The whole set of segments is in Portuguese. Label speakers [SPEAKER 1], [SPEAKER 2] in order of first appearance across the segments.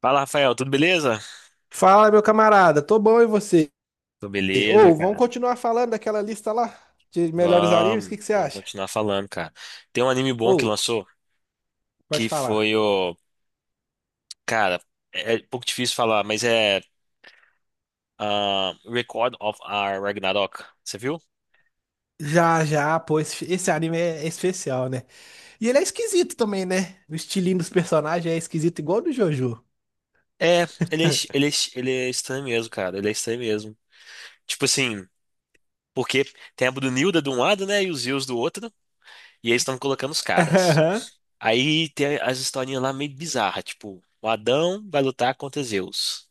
[SPEAKER 1] Fala, Rafael, tudo beleza?
[SPEAKER 2] Fala, meu camarada, tô bom e você?
[SPEAKER 1] Tudo beleza,
[SPEAKER 2] Ou vamos
[SPEAKER 1] cara.
[SPEAKER 2] continuar falando daquela lista lá de melhores animes? O
[SPEAKER 1] Vamos,
[SPEAKER 2] que que você
[SPEAKER 1] vamos
[SPEAKER 2] acha?
[SPEAKER 1] continuar falando, cara. Tem um anime bom
[SPEAKER 2] Ou
[SPEAKER 1] que lançou,
[SPEAKER 2] pode
[SPEAKER 1] que
[SPEAKER 2] falar.
[SPEAKER 1] foi o. Cara, é um pouco difícil falar, mas é. Record of Our Ragnarok. Você viu?
[SPEAKER 2] Já, já, pô, esse anime é especial, né? E ele é esquisito também, né? O estilinho dos personagens é esquisito, igual o do Jojo.
[SPEAKER 1] É, ele é estranho mesmo, cara. Ele é estranho mesmo. Tipo assim, porque tem a Brunilda de um lado, né? E os Zeus do outro. E eles estão colocando os caras.
[SPEAKER 2] Aham.
[SPEAKER 1] Aí tem as historinhas lá meio bizarras, tipo, o Adão vai lutar contra Zeus.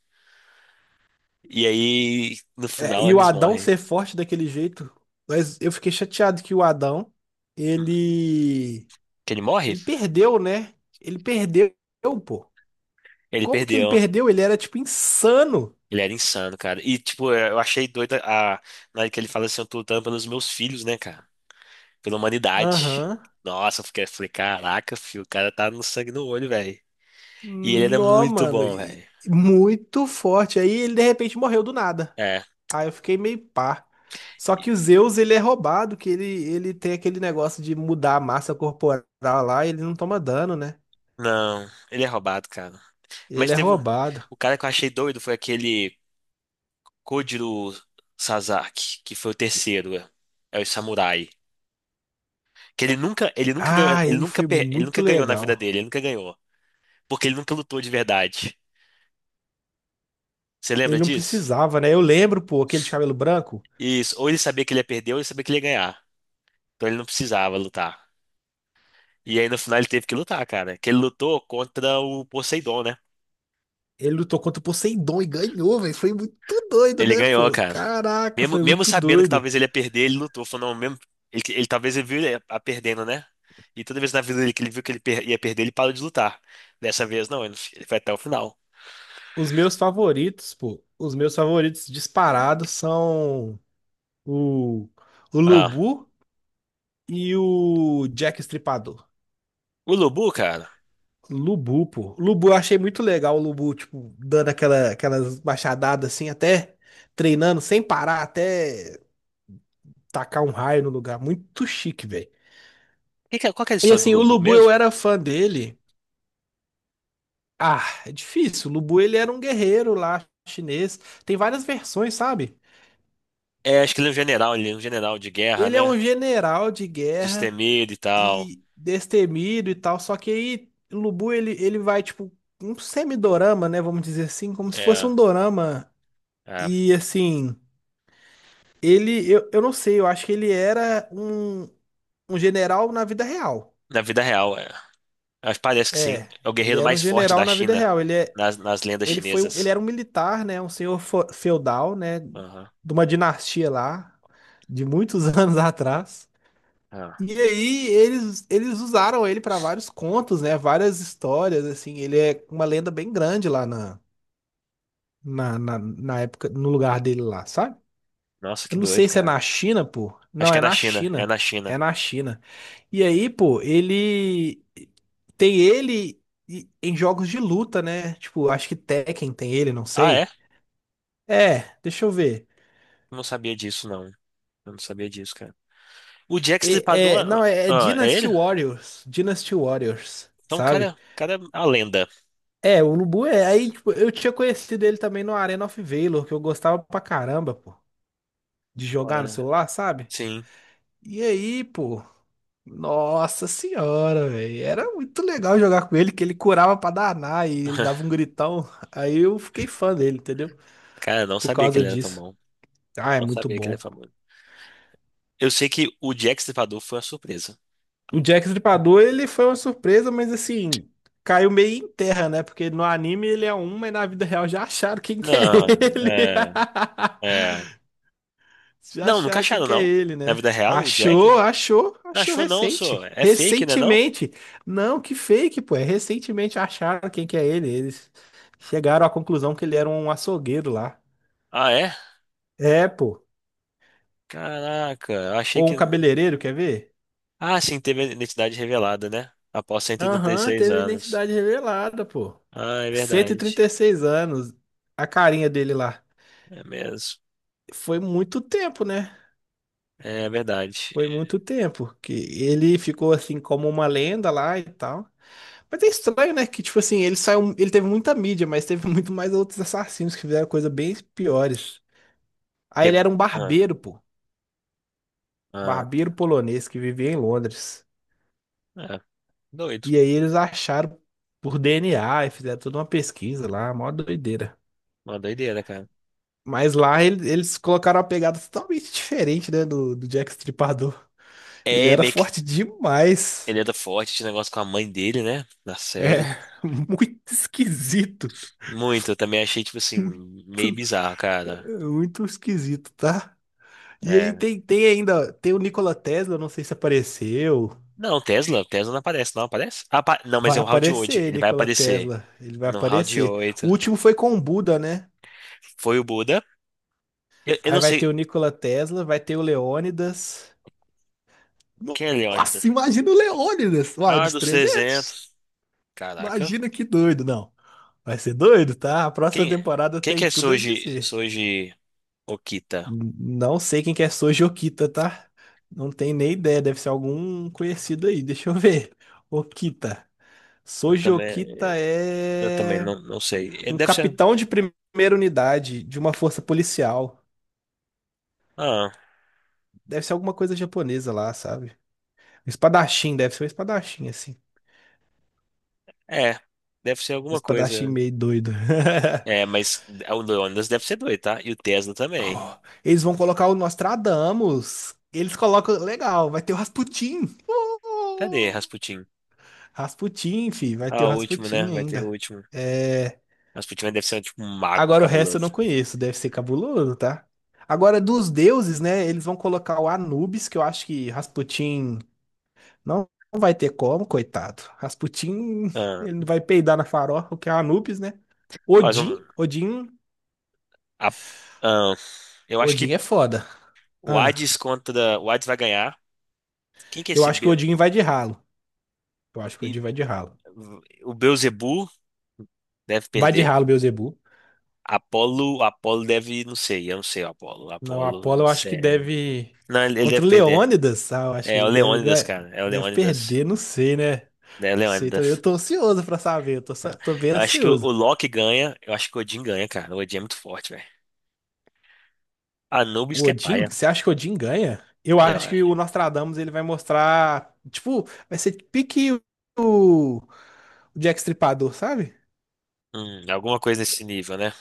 [SPEAKER 1] E aí, no
[SPEAKER 2] É,
[SPEAKER 1] final,
[SPEAKER 2] e o
[SPEAKER 1] eles
[SPEAKER 2] Adão
[SPEAKER 1] morrem.
[SPEAKER 2] ser forte daquele jeito, mas eu fiquei chateado que o Adão, ele,
[SPEAKER 1] Que ele morre?
[SPEAKER 2] ele perdeu, né? Ele perdeu, pô.
[SPEAKER 1] Ele
[SPEAKER 2] Como que ele
[SPEAKER 1] perdeu.
[SPEAKER 2] perdeu? Ele era, tipo, insano.
[SPEAKER 1] Ele era insano, cara. E, tipo, é, eu achei doida a... Na hora que ele fala assim, eu tô lutando pelos meus filhos, né, cara? Pela humanidade.
[SPEAKER 2] Aham.
[SPEAKER 1] Nossa, eu fiquei, falei, caraca, filho, o cara tá no sangue no olho, velho. E ele era
[SPEAKER 2] Nó,
[SPEAKER 1] muito
[SPEAKER 2] mano,
[SPEAKER 1] bom, velho.
[SPEAKER 2] e muito forte. Aí ele de repente morreu do nada.
[SPEAKER 1] É.
[SPEAKER 2] Aí eu fiquei meio pá. Só que o Zeus, ele é roubado, que ele tem aquele negócio de mudar a massa corporal lá, e ele não toma dano, né?
[SPEAKER 1] Não, ele é roubado, cara. Mas
[SPEAKER 2] Ele é
[SPEAKER 1] teve... um,
[SPEAKER 2] roubado.
[SPEAKER 1] o cara que eu achei doido foi aquele Kojiro Sasaki, que foi o terceiro. É o samurai. Que
[SPEAKER 2] Ah, ele foi
[SPEAKER 1] ele
[SPEAKER 2] muito
[SPEAKER 1] nunca ganhou na vida
[SPEAKER 2] legal.
[SPEAKER 1] dele, ele nunca ganhou. Porque ele nunca lutou de verdade. Você
[SPEAKER 2] Ele
[SPEAKER 1] lembra
[SPEAKER 2] não
[SPEAKER 1] disso?
[SPEAKER 2] precisava, né? Eu lembro, pô, aquele de cabelo branco.
[SPEAKER 1] Isso. Ou ele sabia que ele ia perder, ou ele sabia que ele ia ganhar. Então ele não precisava lutar. E aí no final ele teve que lutar, cara. Que ele lutou contra o Poseidon, né?
[SPEAKER 2] Ele lutou contra o Poseidon e ganhou, velho. Foi muito doido,
[SPEAKER 1] Ele
[SPEAKER 2] né,
[SPEAKER 1] ganhou,
[SPEAKER 2] pô?
[SPEAKER 1] cara.
[SPEAKER 2] Caraca,
[SPEAKER 1] Mesmo,
[SPEAKER 2] foi
[SPEAKER 1] mesmo
[SPEAKER 2] muito
[SPEAKER 1] sabendo que
[SPEAKER 2] doido.
[SPEAKER 1] talvez ele ia perder, ele lutou. Falou, não, mesmo. Ele talvez ele viu ele a perdendo, né? E toda vez na vida dele que ele viu que ele per- ia perder, ele parou de lutar. Dessa vez não, ele foi até o final.
[SPEAKER 2] Os meus favoritos, pô, os meus favoritos disparados são O, o
[SPEAKER 1] Ah.
[SPEAKER 2] Lubu e o Jack Estripador.
[SPEAKER 1] O Lubu, cara.
[SPEAKER 2] Lubu, pô. Lubu, eu achei muito legal o Lubu, tipo, dando aquela, aquelas machadadas assim, até treinando sem parar, até tacar um raio no lugar. Muito chique, velho.
[SPEAKER 1] Qual que é a
[SPEAKER 2] E
[SPEAKER 1] história do
[SPEAKER 2] assim, o
[SPEAKER 1] Lubu
[SPEAKER 2] Lubu eu
[SPEAKER 1] mesmo?
[SPEAKER 2] era fã dele. Ah, é difícil. O Lubu ele era um guerreiro lá chinês. Tem várias versões, sabe?
[SPEAKER 1] É, acho que ele é um general, ele é um general de guerra,
[SPEAKER 2] Ele é
[SPEAKER 1] né?
[SPEAKER 2] um general de guerra
[SPEAKER 1] Destemido e tal.
[SPEAKER 2] e destemido e tal. Só que aí Lubu ele vai tipo um semidorama, né? Vamos dizer assim, como se fosse
[SPEAKER 1] É,
[SPEAKER 2] um dorama.
[SPEAKER 1] é.
[SPEAKER 2] E assim, ele eu não sei, eu acho que ele era um general na vida real.
[SPEAKER 1] Na vida real, é. Mas parece que sim.
[SPEAKER 2] É,
[SPEAKER 1] É o
[SPEAKER 2] ele
[SPEAKER 1] guerreiro
[SPEAKER 2] era um
[SPEAKER 1] mais forte
[SPEAKER 2] general
[SPEAKER 1] da
[SPEAKER 2] na vida
[SPEAKER 1] China,
[SPEAKER 2] real. Ele é,
[SPEAKER 1] nas lendas
[SPEAKER 2] ele foi um- ele
[SPEAKER 1] chinesas.
[SPEAKER 2] era um militar, né? Um senhor feudal, né?
[SPEAKER 1] Aham.
[SPEAKER 2] De uma dinastia lá de muitos anos atrás.
[SPEAKER 1] Ah.
[SPEAKER 2] E aí eles usaram ele para vários contos, né? Várias histórias, assim. Ele é uma lenda bem grande lá na época, no lugar dele lá, sabe?
[SPEAKER 1] Nossa, que
[SPEAKER 2] Eu não
[SPEAKER 1] doido,
[SPEAKER 2] sei se é
[SPEAKER 1] cara.
[SPEAKER 2] na China, pô.
[SPEAKER 1] Acho
[SPEAKER 2] Não,
[SPEAKER 1] que é
[SPEAKER 2] é
[SPEAKER 1] na
[SPEAKER 2] na
[SPEAKER 1] China, é na
[SPEAKER 2] China.
[SPEAKER 1] China.
[SPEAKER 2] É na China. E aí, pô, ele tem ele em jogos de luta, né? Tipo, acho que Tekken tem ele, não
[SPEAKER 1] Ah, é?
[SPEAKER 2] sei. É, deixa eu ver.
[SPEAKER 1] Eu não sabia disso, não. Eu não sabia disso, cara. O Jack Stripador,
[SPEAKER 2] É, não, é
[SPEAKER 1] é
[SPEAKER 2] Dynasty
[SPEAKER 1] ele?
[SPEAKER 2] Warriors. Dynasty Warriors,
[SPEAKER 1] Então,
[SPEAKER 2] sabe?
[SPEAKER 1] o cara, é a lenda.
[SPEAKER 2] É, o Lubu é. Aí, tipo, eu tinha conhecido ele também no Arena of Valor, que eu gostava pra caramba, pô, de jogar no
[SPEAKER 1] Olha,
[SPEAKER 2] celular, sabe?
[SPEAKER 1] sim.
[SPEAKER 2] E aí, pô, nossa senhora, velho. Era muito legal jogar com ele, que ele curava pra danar e ele dava um gritão. Aí eu fiquei fã dele, entendeu?
[SPEAKER 1] Cara, eu não
[SPEAKER 2] Por
[SPEAKER 1] sabia que
[SPEAKER 2] causa
[SPEAKER 1] ele era tão
[SPEAKER 2] disso.
[SPEAKER 1] bom.
[SPEAKER 2] Ah, é
[SPEAKER 1] Não
[SPEAKER 2] muito
[SPEAKER 1] sabia que
[SPEAKER 2] bom,
[SPEAKER 1] ele é
[SPEAKER 2] pô.
[SPEAKER 1] famoso. Eu sei que o Jack Stripador foi uma surpresa.
[SPEAKER 2] O Jack Stripador, ele foi uma surpresa, mas assim, caiu meio em terra, né? Porque no anime ele é um, mas na vida real já acharam quem que é
[SPEAKER 1] Não,
[SPEAKER 2] ele.
[SPEAKER 1] é, é.
[SPEAKER 2] Já
[SPEAKER 1] Não, nunca
[SPEAKER 2] acharam quem
[SPEAKER 1] acharam,
[SPEAKER 2] que é
[SPEAKER 1] não?
[SPEAKER 2] ele,
[SPEAKER 1] Na
[SPEAKER 2] né?
[SPEAKER 1] vida real, o Jack?
[SPEAKER 2] Achou, achou,
[SPEAKER 1] Não
[SPEAKER 2] achou
[SPEAKER 1] achou, não, só.
[SPEAKER 2] recente.
[SPEAKER 1] É fake, né, não?
[SPEAKER 2] Recentemente. Não, que fake, pô. É recentemente acharam quem que é ele. Eles chegaram à conclusão que ele era um açougueiro lá.
[SPEAKER 1] Ah, é?
[SPEAKER 2] É, pô.
[SPEAKER 1] Caraca, eu achei
[SPEAKER 2] Ou um
[SPEAKER 1] que.
[SPEAKER 2] cabeleireiro, quer ver?
[SPEAKER 1] Ah, sim, teve a identidade revelada, né? Após cento e oitenta e
[SPEAKER 2] Aham,
[SPEAKER 1] seis
[SPEAKER 2] teve
[SPEAKER 1] anos.
[SPEAKER 2] identidade revelada, pô.
[SPEAKER 1] Ah, é
[SPEAKER 2] Cento e trinta
[SPEAKER 1] verdade.
[SPEAKER 2] e seis anos. A carinha dele lá.
[SPEAKER 1] É mesmo.
[SPEAKER 2] Foi muito tempo, né?
[SPEAKER 1] É verdade.
[SPEAKER 2] Foi muito tempo que ele ficou assim como uma lenda lá e tal. Mas é estranho, né? Que, tipo assim, ele saiu, ele teve muita mídia, mas teve muito mais outros assassinos que fizeram coisas bem piores. Aí
[SPEAKER 1] Que-
[SPEAKER 2] ele era um
[SPEAKER 1] ah,
[SPEAKER 2] barbeiro, pô.
[SPEAKER 1] ah,
[SPEAKER 2] Barbeiro polonês que vivia em Londres.
[SPEAKER 1] é. Doido.
[SPEAKER 2] E aí eles acharam por DNA e fizeram toda uma pesquisa lá, mó doideira.
[SPEAKER 1] Uma doideira, cara.
[SPEAKER 2] Mas lá eles colocaram uma pegada totalmente diferente, né, do Jack Stripador. Ele
[SPEAKER 1] É,
[SPEAKER 2] era
[SPEAKER 1] meio que
[SPEAKER 2] forte demais.
[SPEAKER 1] ele era forte, esse negócio com a mãe dele, né? Na série.
[SPEAKER 2] É, muito esquisito.
[SPEAKER 1] Muito, eu também achei, tipo assim,
[SPEAKER 2] Muito,
[SPEAKER 1] meio bizarro, cara.
[SPEAKER 2] muito esquisito, tá? E aí
[SPEAKER 1] É,
[SPEAKER 2] tem ainda, tem o Nikola Tesla, não sei se apareceu.
[SPEAKER 1] não, Tesla, Tesla não aparece, não aparece? Não, mas
[SPEAKER 2] Vai
[SPEAKER 1] é o round 8,
[SPEAKER 2] aparecer,
[SPEAKER 1] ele vai
[SPEAKER 2] Nikola
[SPEAKER 1] aparecer
[SPEAKER 2] Tesla. Ele vai
[SPEAKER 1] no round
[SPEAKER 2] aparecer. O
[SPEAKER 1] 8.
[SPEAKER 2] último foi com o Buda, né?
[SPEAKER 1] Foi o Buda. Eu
[SPEAKER 2] Aí
[SPEAKER 1] não
[SPEAKER 2] vai ter o
[SPEAKER 1] sei
[SPEAKER 2] Nikola Tesla, vai ter o Leônidas.
[SPEAKER 1] quem é Leônidas.
[SPEAKER 2] Nossa, imagina o Leônidas, vai,
[SPEAKER 1] Ah,
[SPEAKER 2] dos
[SPEAKER 1] dos
[SPEAKER 2] 300.
[SPEAKER 1] 300, caraca.
[SPEAKER 2] Imagina que doido, não. Vai ser doido, tá? A próxima
[SPEAKER 1] Quem é?
[SPEAKER 2] temporada
[SPEAKER 1] Quem
[SPEAKER 2] tem
[SPEAKER 1] que é
[SPEAKER 2] tudo a dizer.
[SPEAKER 1] Soji Okita?
[SPEAKER 2] Não sei quem que é Soji Okita, tá? Não tenho nem ideia, deve ser algum conhecido aí. Deixa eu ver. Okita.
[SPEAKER 1] Eu
[SPEAKER 2] Soji
[SPEAKER 1] também,
[SPEAKER 2] Okita
[SPEAKER 1] eu também
[SPEAKER 2] é
[SPEAKER 1] não, não sei. Ele
[SPEAKER 2] um
[SPEAKER 1] deve ser.
[SPEAKER 2] capitão de primeira unidade de uma força policial.
[SPEAKER 1] Ah,
[SPEAKER 2] Deve ser alguma coisa japonesa lá, sabe? Um espadachim, deve ser um espadachim, assim.
[SPEAKER 1] é. Deve ser
[SPEAKER 2] Um
[SPEAKER 1] alguma coisa.
[SPEAKER 2] espadachim meio doido.
[SPEAKER 1] É, mas o Leônidas deve ser doido, tá? E o Tesla também.
[SPEAKER 2] Oh, eles vão colocar o Nostradamus. Eles colocam. Legal, vai ter o Rasputin.
[SPEAKER 1] Cadê Rasputin?
[SPEAKER 2] Rasputin, vai ter
[SPEAKER 1] Ah,
[SPEAKER 2] o
[SPEAKER 1] o último, né?
[SPEAKER 2] Rasputin
[SPEAKER 1] Vai ter o
[SPEAKER 2] ainda.
[SPEAKER 1] último.
[SPEAKER 2] É,
[SPEAKER 1] Rasputin deve ser tipo um mago
[SPEAKER 2] Agora o resto eu não
[SPEAKER 1] cabuloso.
[SPEAKER 2] conheço, deve ser cabuloso, tá? Agora dos deuses, né? Eles vão colocar o Anubis, que eu acho que Rasputin não vai ter como, coitado. Rasputin,
[SPEAKER 1] Ah.
[SPEAKER 2] ele não vai peidar na farofa, o que é Anubis, né?
[SPEAKER 1] Mas
[SPEAKER 2] Odin,
[SPEAKER 1] um-
[SPEAKER 2] Odin,
[SPEAKER 1] a- ahn, eu acho
[SPEAKER 2] Odin
[SPEAKER 1] que
[SPEAKER 2] é foda.
[SPEAKER 1] o
[SPEAKER 2] Ah,
[SPEAKER 1] Hades contra. O Hades vai ganhar. Quem que é
[SPEAKER 2] eu
[SPEAKER 1] esse
[SPEAKER 2] acho que o
[SPEAKER 1] B
[SPEAKER 2] Odin vai de ralo. Eu acho que o Odin
[SPEAKER 1] Be-
[SPEAKER 2] vai de ralo.
[SPEAKER 1] o Beelzebub deve
[SPEAKER 2] Vai de
[SPEAKER 1] perder.
[SPEAKER 2] ralo, Beelzebub.
[SPEAKER 1] Apolo, Apolo deve, não sei, eu não sei o Apolo.
[SPEAKER 2] Não,
[SPEAKER 1] Apolo,
[SPEAKER 2] Apolo
[SPEAKER 1] não
[SPEAKER 2] eu acho que
[SPEAKER 1] sei.
[SPEAKER 2] deve.
[SPEAKER 1] Não, ele
[SPEAKER 2] Contra
[SPEAKER 1] deve
[SPEAKER 2] o
[SPEAKER 1] perder.
[SPEAKER 2] Leônidas, ah, eu acho
[SPEAKER 1] É
[SPEAKER 2] que
[SPEAKER 1] é o
[SPEAKER 2] ele deve
[SPEAKER 1] Leônidas,
[SPEAKER 2] ganhar.
[SPEAKER 1] cara. É o
[SPEAKER 2] Deve
[SPEAKER 1] Leônidas.
[SPEAKER 2] perder, não sei, né?
[SPEAKER 1] É o
[SPEAKER 2] Não sei,
[SPEAKER 1] Leônidas.
[SPEAKER 2] eu tô ansioso pra saber. Eu
[SPEAKER 1] Tá?
[SPEAKER 2] tô bem
[SPEAKER 1] Eu acho que o
[SPEAKER 2] ansioso.
[SPEAKER 1] Loki ganha. Eu acho que o Odin ganha, cara. O Odin é muito forte, velho. Anubis
[SPEAKER 2] O
[SPEAKER 1] que é
[SPEAKER 2] Odin?
[SPEAKER 1] paia,
[SPEAKER 2] Você acha que o Odin ganha? Eu
[SPEAKER 1] eu
[SPEAKER 2] acho que
[SPEAKER 1] acho.
[SPEAKER 2] o Nostradamus ele vai mostrar. Tipo, vai ser pique o Jack Stripador, sabe?
[SPEAKER 1] Alguma coisa nesse nível, né?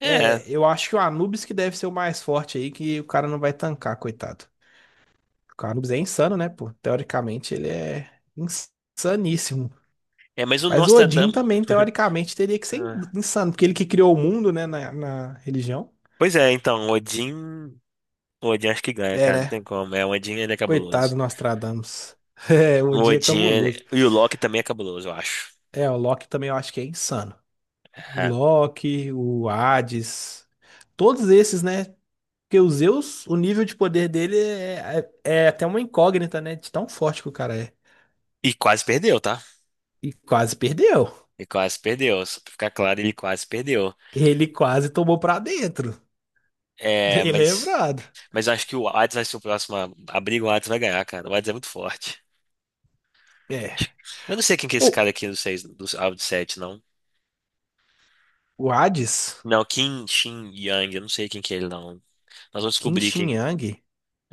[SPEAKER 1] É,
[SPEAKER 2] É, eu acho que o Anubis que deve ser o mais forte aí, que o cara não vai tancar, coitado. O Anubis é insano, né, pô? Teoricamente ele é insaníssimo.
[SPEAKER 1] mas o
[SPEAKER 2] Mas o Odin
[SPEAKER 1] Nostradamus.
[SPEAKER 2] também, teoricamente, teria que ser insano, porque ele que criou o mundo, né, na religião.
[SPEAKER 1] Pois é, então, o Odin. O Odin acho que ganha,
[SPEAKER 2] É,
[SPEAKER 1] cara. Não
[SPEAKER 2] né?
[SPEAKER 1] tem como. É, o Odin ele é
[SPEAKER 2] Coitado
[SPEAKER 1] cabuloso.
[SPEAKER 2] do Nostradamus. É, o Odin é cabuloso.
[SPEAKER 1] E o Loki também é cabuloso, eu acho.
[SPEAKER 2] É, o Loki também eu acho que é insano. O
[SPEAKER 1] É.
[SPEAKER 2] Loki, o Hades, todos esses, né? Porque o Zeus, o nível de poder dele é até uma incógnita, né? De tão forte que o cara é.
[SPEAKER 1] E quase perdeu, tá?
[SPEAKER 2] E quase perdeu.
[SPEAKER 1] E quase perdeu. Só pra ficar claro, ele quase perdeu.
[SPEAKER 2] Ele quase tomou pra dentro.
[SPEAKER 1] É,
[SPEAKER 2] Bem
[SPEAKER 1] mas.
[SPEAKER 2] lembrado.
[SPEAKER 1] Mas eu acho que o Hades vai ser o próximo a briga, o Hades vai ganhar, cara. O Hades é muito forte.
[SPEAKER 2] É.
[SPEAKER 1] Eu não sei quem que é esse
[SPEAKER 2] Ou
[SPEAKER 1] cara aqui do 6 do Alvo de 7, não.
[SPEAKER 2] o Hades,
[SPEAKER 1] Não, Kim Shin Yang, eu não sei quem que é ele, não. Nós vamos
[SPEAKER 2] Qin
[SPEAKER 1] descobrir
[SPEAKER 2] Shi
[SPEAKER 1] quem
[SPEAKER 2] Yang,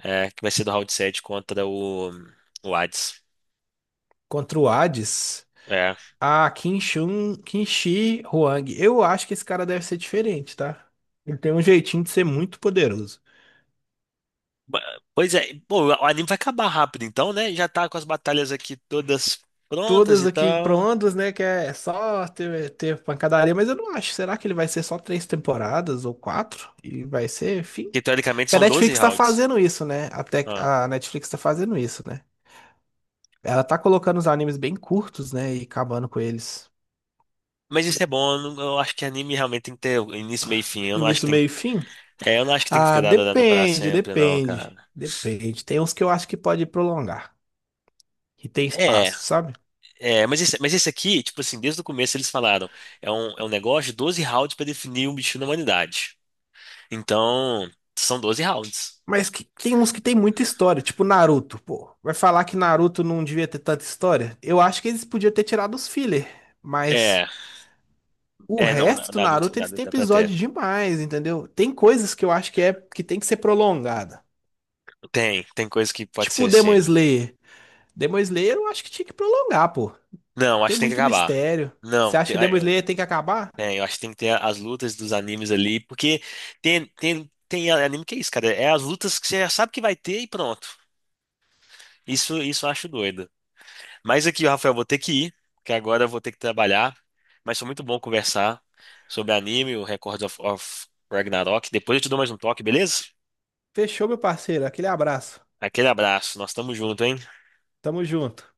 [SPEAKER 1] é, que vai ser do round 7 contra o Hades.
[SPEAKER 2] contra o Hades,
[SPEAKER 1] É.
[SPEAKER 2] a Qin Shi Huang. Eu acho que esse cara deve ser diferente, tá? Ele tem um jeitinho de ser muito poderoso.
[SPEAKER 1] Ba- Pois é, pô, o anime vai acabar rápido então, né? Já tá com as batalhas aqui todas prontas
[SPEAKER 2] Todas
[SPEAKER 1] e
[SPEAKER 2] aqui para
[SPEAKER 1] tal.
[SPEAKER 2] ondas, né? Que é só ter pancadaria, mas eu não acho. Será que ele vai ser só três temporadas ou quatro? E vai ser fim?
[SPEAKER 1] Que teoricamente
[SPEAKER 2] Porque a
[SPEAKER 1] são doze
[SPEAKER 2] Netflix tá
[SPEAKER 1] rounds.
[SPEAKER 2] fazendo isso, né? Até
[SPEAKER 1] Ah.
[SPEAKER 2] a Netflix tá fazendo isso, né? Ela tá colocando os animes bem curtos, né? E acabando com eles.
[SPEAKER 1] Mas isso é bom, eu não- eu acho que anime realmente tem que ter início, meio e fim. Eu não acho que
[SPEAKER 2] Início,
[SPEAKER 1] tem.
[SPEAKER 2] meio e fim?
[SPEAKER 1] É, eu não acho que tem que ficar
[SPEAKER 2] Ah,
[SPEAKER 1] dado dando pra
[SPEAKER 2] depende,
[SPEAKER 1] sempre, não,
[SPEAKER 2] depende.
[SPEAKER 1] cara.
[SPEAKER 2] Depende. Tem uns que eu acho que pode prolongar. Que tem
[SPEAKER 1] É,
[SPEAKER 2] espaço, sabe?
[SPEAKER 1] é, mas esse aqui, tipo assim, desde o começo eles falaram, é um negócio de 12 rounds pra definir um bicho na humanidade. Então, são 12 rounds.
[SPEAKER 2] Mas tem uns que tem muita história, tipo Naruto, pô. Vai falar que Naruto não devia ter tanta história? Eu acho que eles podiam ter tirado os filler, mas
[SPEAKER 1] É,
[SPEAKER 2] o
[SPEAKER 1] é, não, na-
[SPEAKER 2] resto do
[SPEAKER 1] Naruto,
[SPEAKER 2] Naruto eles
[SPEAKER 1] Naruto
[SPEAKER 2] têm
[SPEAKER 1] dá pra
[SPEAKER 2] episódio
[SPEAKER 1] ter.
[SPEAKER 2] demais, entendeu? Tem coisas que eu acho que é que tem que ser prolongada.
[SPEAKER 1] Tem coisa que pode
[SPEAKER 2] Tipo
[SPEAKER 1] ser
[SPEAKER 2] o Demon
[SPEAKER 1] assim.
[SPEAKER 2] Slayer. Demon Slayer eu acho que tinha que prolongar, pô.
[SPEAKER 1] Não, acho
[SPEAKER 2] Tem
[SPEAKER 1] que tem que
[SPEAKER 2] muito
[SPEAKER 1] acabar.
[SPEAKER 2] mistério. Você
[SPEAKER 1] Não,
[SPEAKER 2] acha que Demon Slayer tem que acabar?
[SPEAKER 1] eu acho que tem que ter as lutas dos animes ali, porque tem anime que é isso, cara. É as lutas que você já sabe que vai ter e pronto. Isso eu acho doido. Mas aqui, Rafael, vou ter que ir, porque agora eu vou ter que trabalhar. Mas foi muito bom conversar sobre anime, o Record of Ragnarok. Depois eu te dou mais um toque, beleza?
[SPEAKER 2] Fechou, meu parceiro. Aquele abraço.
[SPEAKER 1] Aquele abraço, nós estamos juntos, hein?
[SPEAKER 2] Tamo junto.